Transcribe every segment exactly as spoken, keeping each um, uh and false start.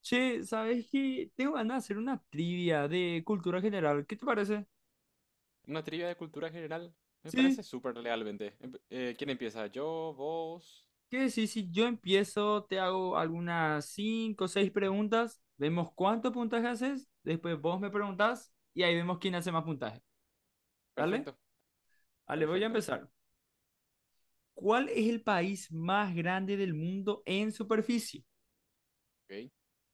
Che, ¿sabes qué? Tengo ganas de hacer una trivia de cultura general. ¿Qué te parece? Una trivia de cultura general me Sí, parece súper lealmente. Empe- eh, ¿quién empieza? Yo, vos. ¿qué decís? Si yo empiezo, te hago algunas cinco o seis preguntas, vemos cuánto puntaje haces, después vos me preguntás y ahí vemos quién hace más puntaje. ¿Dale? Perfecto, Vale, voy a perfecto. empezar. ¿Cuál es el país más grande del mundo en superficie? Ok.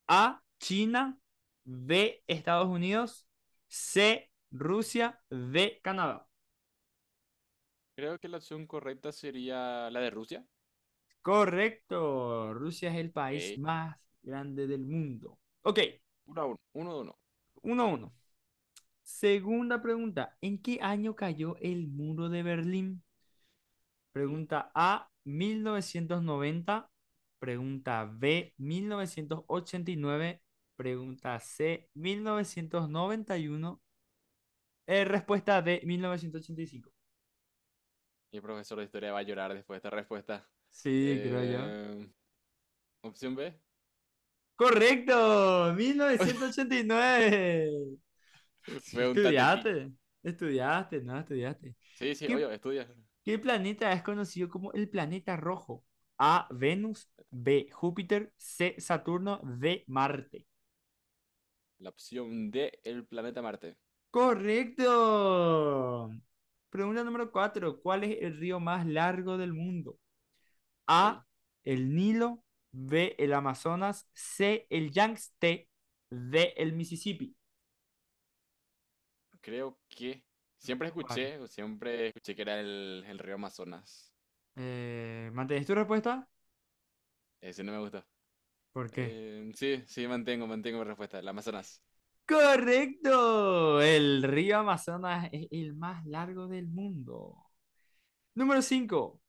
A, China, B, Estados Unidos, C, Rusia, D, Canadá. Creo que la opción correcta sería la de Rusia. Correcto. Rusia es el país Ok. más grande del mundo. Ok, Uno a uno. Uno de uno. uno a uno. Segunda pregunta. ¿En qué año cayó el muro de Berlín? Ok. Pregunta A, mil novecientos noventa. Pregunta B, mil novecientos ochenta y nueve. Pregunta C, mil novecientos noventa y uno. Eh, respuesta D, mil novecientos ochenta y cinco. Mi profesor de historia va a llorar después de esta respuesta. Sí, creo yo. Eh, Opción B. Correcto, mil novecientos ochenta y nueve. Pregúntate a ti. Estudiaste, estudiaste, no, estudiaste. Sí, sí, ¿Qué, oye, estudia. qué planeta es conocido como el planeta rojo? A, Venus, B, Júpiter, C, Saturno, D, Marte. La opción D, el planeta Marte. Correcto. Pregunta número cuatro. ¿Cuál es el río más largo del mundo? Ok. A, el Nilo, B, el Amazonas, C, el Yangtze, D, el Mississippi. Creo que siempre ¿Cuál? escuché, o siempre escuché que era el, el río Amazonas. Eh, ¿mantienes tu respuesta? Ese no me gustó. ¿Por qué? Eh, sí, sí, mantengo, mantengo mi respuesta. El Amazonas. Correcto. El río Amazonas es el más largo del mundo. Número cinco.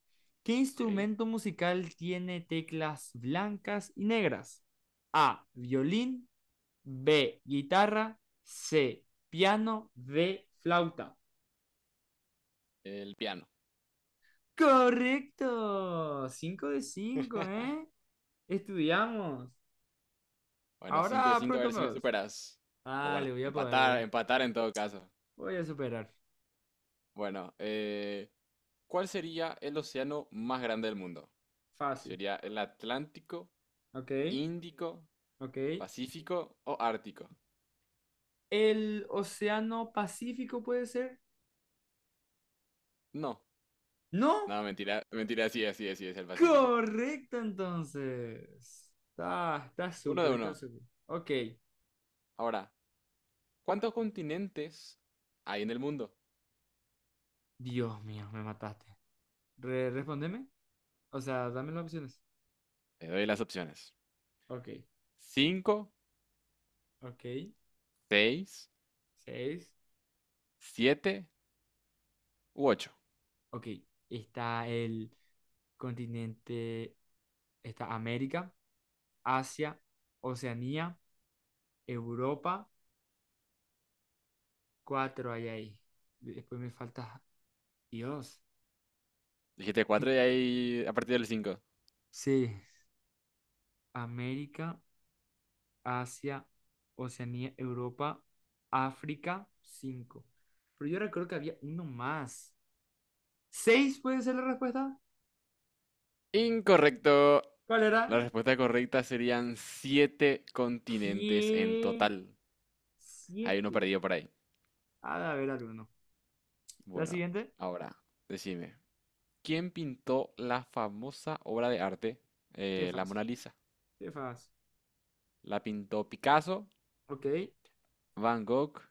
¿Qué ¿Ok? instrumento musical tiene teclas blancas y negras? A. Violín. B. Guitarra. C. Piano. D. Flauta. El piano. Correcto. Cinco de cinco, ¿eh? Estudiamos. Bueno, cinco de Ahora cinco a ver pregúntame si me vos. superas. O Ah, le bueno, voy a poder empatar, hoy. empatar en todo caso. Voy a superar. Bueno, eh, ¿cuál sería el océano más grande del mundo? Fácil. ¿Sería el Atlántico, Ok, Índico, ok. Pacífico o Ártico? El Océano Pacífico puede ser. No, No, no, mentira, mentira, sí, así es, sí es el Pacífico. correcto entonces. Está, está Uno de súper, está uno. súper. Ok. Ahora, ¿cuántos continentes hay en el mundo? Dios mío, me mataste. Re- respóndeme. O sea, dame las opciones. Te doy las opciones. Ok, Cinco, ok. seis, Seis. siete, u ocho. Ok. Está el continente, está América, Asia, Oceanía, Europa. Cuatro hay ahí. Después me falta... Dios. Dijiste ¿Qué? cuatro y ahí a partir del cinco. Sí. América. Asia, Oceanía, Europa, África, cinco. Pero yo recuerdo que había uno más. ¿Seis puede ser la respuesta? Incorrecto. ¿Cuál era? La respuesta correcta serían siete continentes en ¿Qué? total. Hay uno Siete. perdido por ahí. Ha de haber alguno. ¿La Bueno, siguiente? ahora, decime. ¿Quién pintó la famosa obra de arte, Qué eh, la fácil. Mona Lisa? Qué fácil. ¿La pintó Picasso, Ok, Van Gogh,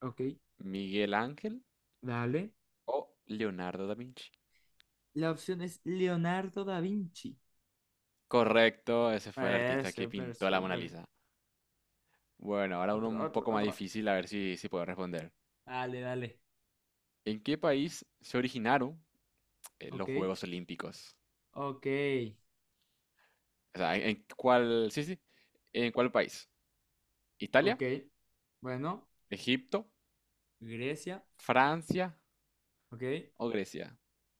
ok, Miguel Ángel dale. o Leonardo da Vinci? La opción es Leonardo da Vinci. Correcto, ese fue el Eh, artista que súper, pintó la Mona súper. Lisa. Bueno, ahora uno Otro, un otro, poco más otro. difícil, a ver si, si puedo responder. Dale, dale. ¿En qué país se originaron eh, Ok, los Juegos Olímpicos? ok, O sea, ¿en en cuál, sí, sí, en cuál país? ok. ¿Italia, Bueno, Egipto, Grecia, Francia ok. o Grecia?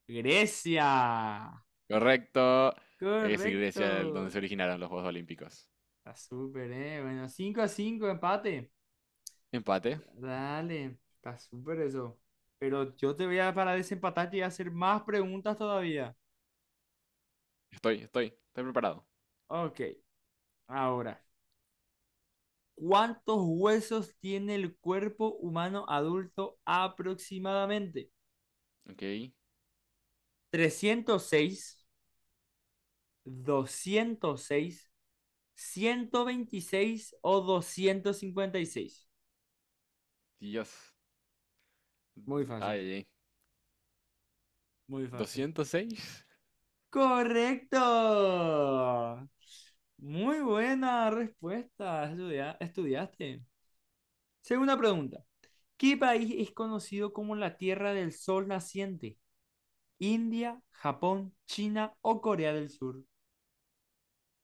Grecia. Correcto, es Correcto. Grecia el donde se originaron los Juegos Olímpicos. Está súper, ¿eh? Bueno, cinco a cinco, empate. Empate, Dale, está súper eso. Pero yo te voy a, para desempatar, y hacer más preguntas todavía. estoy, estoy, estoy preparado. Ok, ahora. ¿Cuántos huesos tiene el cuerpo humano adulto aproximadamente? Ok, Trescientos seis, doscientos seis, ciento veintiséis o doscientos cincuenta y seis. Dios, Muy d- fácil, ay, ay. muy fácil. Doscientos seis. Correcto. Muy buena respuesta. Estudia- estudiaste. Segunda pregunta. ¿Qué país es conocido como la Tierra del Sol Naciente? ¿India, Japón, China o Corea del Sur?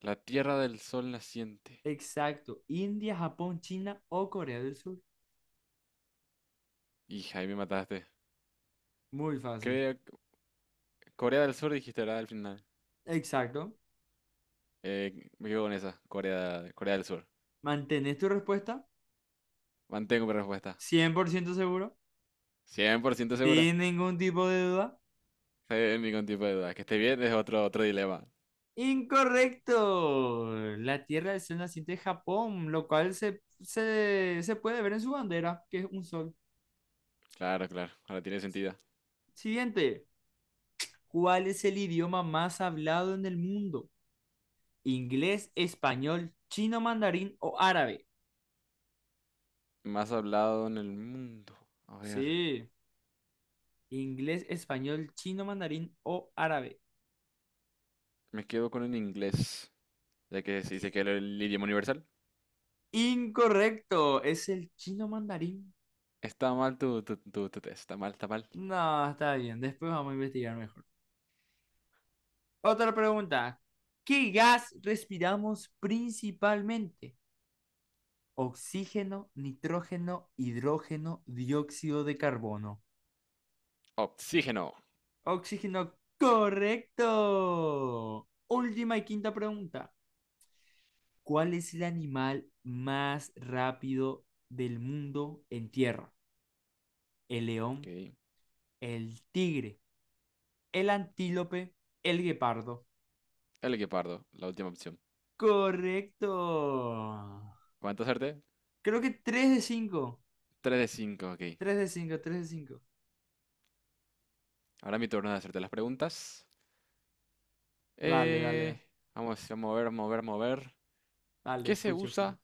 La Tierra del Sol naciente. Exacto. India, Japón, China o Corea del Sur. Hija, ahí me mataste. Muy fácil. Creo, Corea del Sur dijiste, ¿verdad? Al final. Exacto. Eh, me quedo con esa, Corea, Corea del Sur. ¿Mantenés tu respuesta? Mantengo mi respuesta. Cien por ciento seguro. Cien por ciento seguro. Sin ningún tipo de duda. Sin ningún tipo de duda. Que esté bien es otro, otro dilema. Incorrecto. La Tierra es el naciente de Japón, lo cual se, se, se puede ver en su bandera, que es un sol. Claro, claro. Ahora tiene sentido. Siguiente. ¿Cuál es el idioma más hablado en el mundo? ¿Inglés, español, chino, mandarín o árabe? Más hablado en el mundo. A ver. Sí. Inglés, español, chino, mandarín o árabe. Me quedo con el inglés. Ya que se dice que es el idioma universal. Incorrecto. Es el chino mandarín. Está mal tu, tu, tu, tu test. Está mal, está mal. No, está bien. Después vamos a investigar mejor. Otra pregunta. ¿Qué gas respiramos principalmente? Oxígeno, nitrógeno, hidrógeno, dióxido de carbono. Oxígeno. Oxígeno, correcto. Última y quinta pregunta. ¿Cuál es el animal más rápido del mundo en tierra? El león, Ok. el tigre, el antílope, el guepardo. El equipardo. La última opción. Correcto. ¿Cuánto acerté? Creo que tres de cinco, Tres de cinco. Ok. tres de cinco, tres de cinco. Ahora mi turno de hacerte las preguntas. Dale, dale, dale, Eh, Vamos, vamos a mover, mover, mover. dale, ¿Qué se escucho, escucho. usa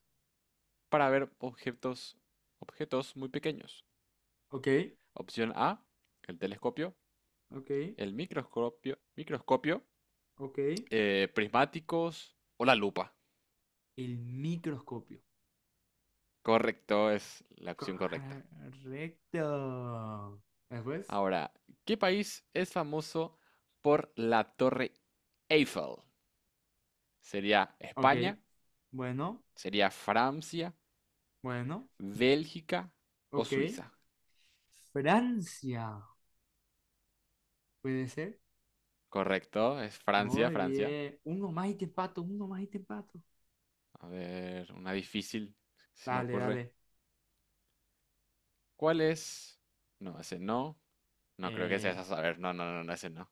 para ver objetos, objetos muy pequeños? Ok, Opción A, el telescopio, ok, el microscopio, microscopio ok. eh, prismáticos o la lupa. El microscopio. Correcto, es la opción correcta. Correcto. Después, Ahora, ¿qué país es famoso por la Torre Eiffel? ¿Sería ok. España? Bueno, ¿Sería Francia? bueno, ¿Bélgica o ok. Suiza? Francia, puede ser. Correcto, es Francia, Muy Francia. bien. Uno más y te empato, uno más y te empato. A ver, una difícil, se me Dale, ocurre. dale. ¿Cuál es? No, ese no. No creo que sea Eh, esa. A ver, no, no, no, no, ese no.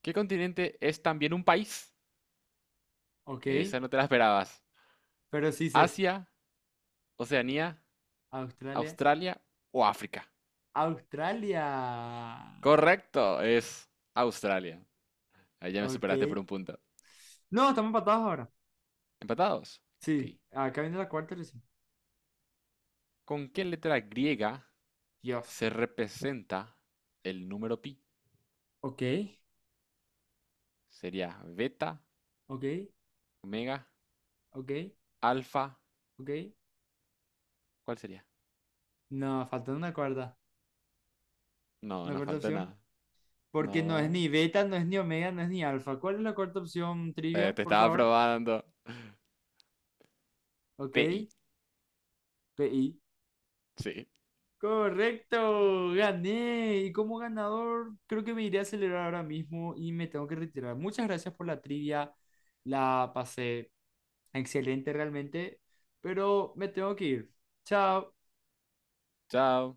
¿Qué continente es también un país? ok, Esa no te la esperabas. pero sí sé. ¿Asia, Oceanía, Australia, Australia o África? Australia. Correcto, es Australia. Ahí ya me Ok. superaste por un punto. No, estamos empatados ahora. ¿Empatados? Ok. Sí, acá viene la cuarta. ¿Con qué letra griega Dios. se representa el número pi? Ok, ¿Sería beta, ok, omega, ok, alfa? ok. ¿Cuál sería? No, falta una cuarta. No, Una no cuarta falta opción. nada. Porque no es No. ni beta, no es ni omega, no es ni alfa. ¿Cuál es la cuarta opción, Eh, trivia, Te por estaba favor? probando. Ok, P I. PI. Sí. Correcto, gané. Y como ganador, creo que me iré a celebrar ahora mismo y me tengo que retirar. Muchas gracias por la trivia. La pasé excelente realmente, pero me tengo que ir. Chao. Chao.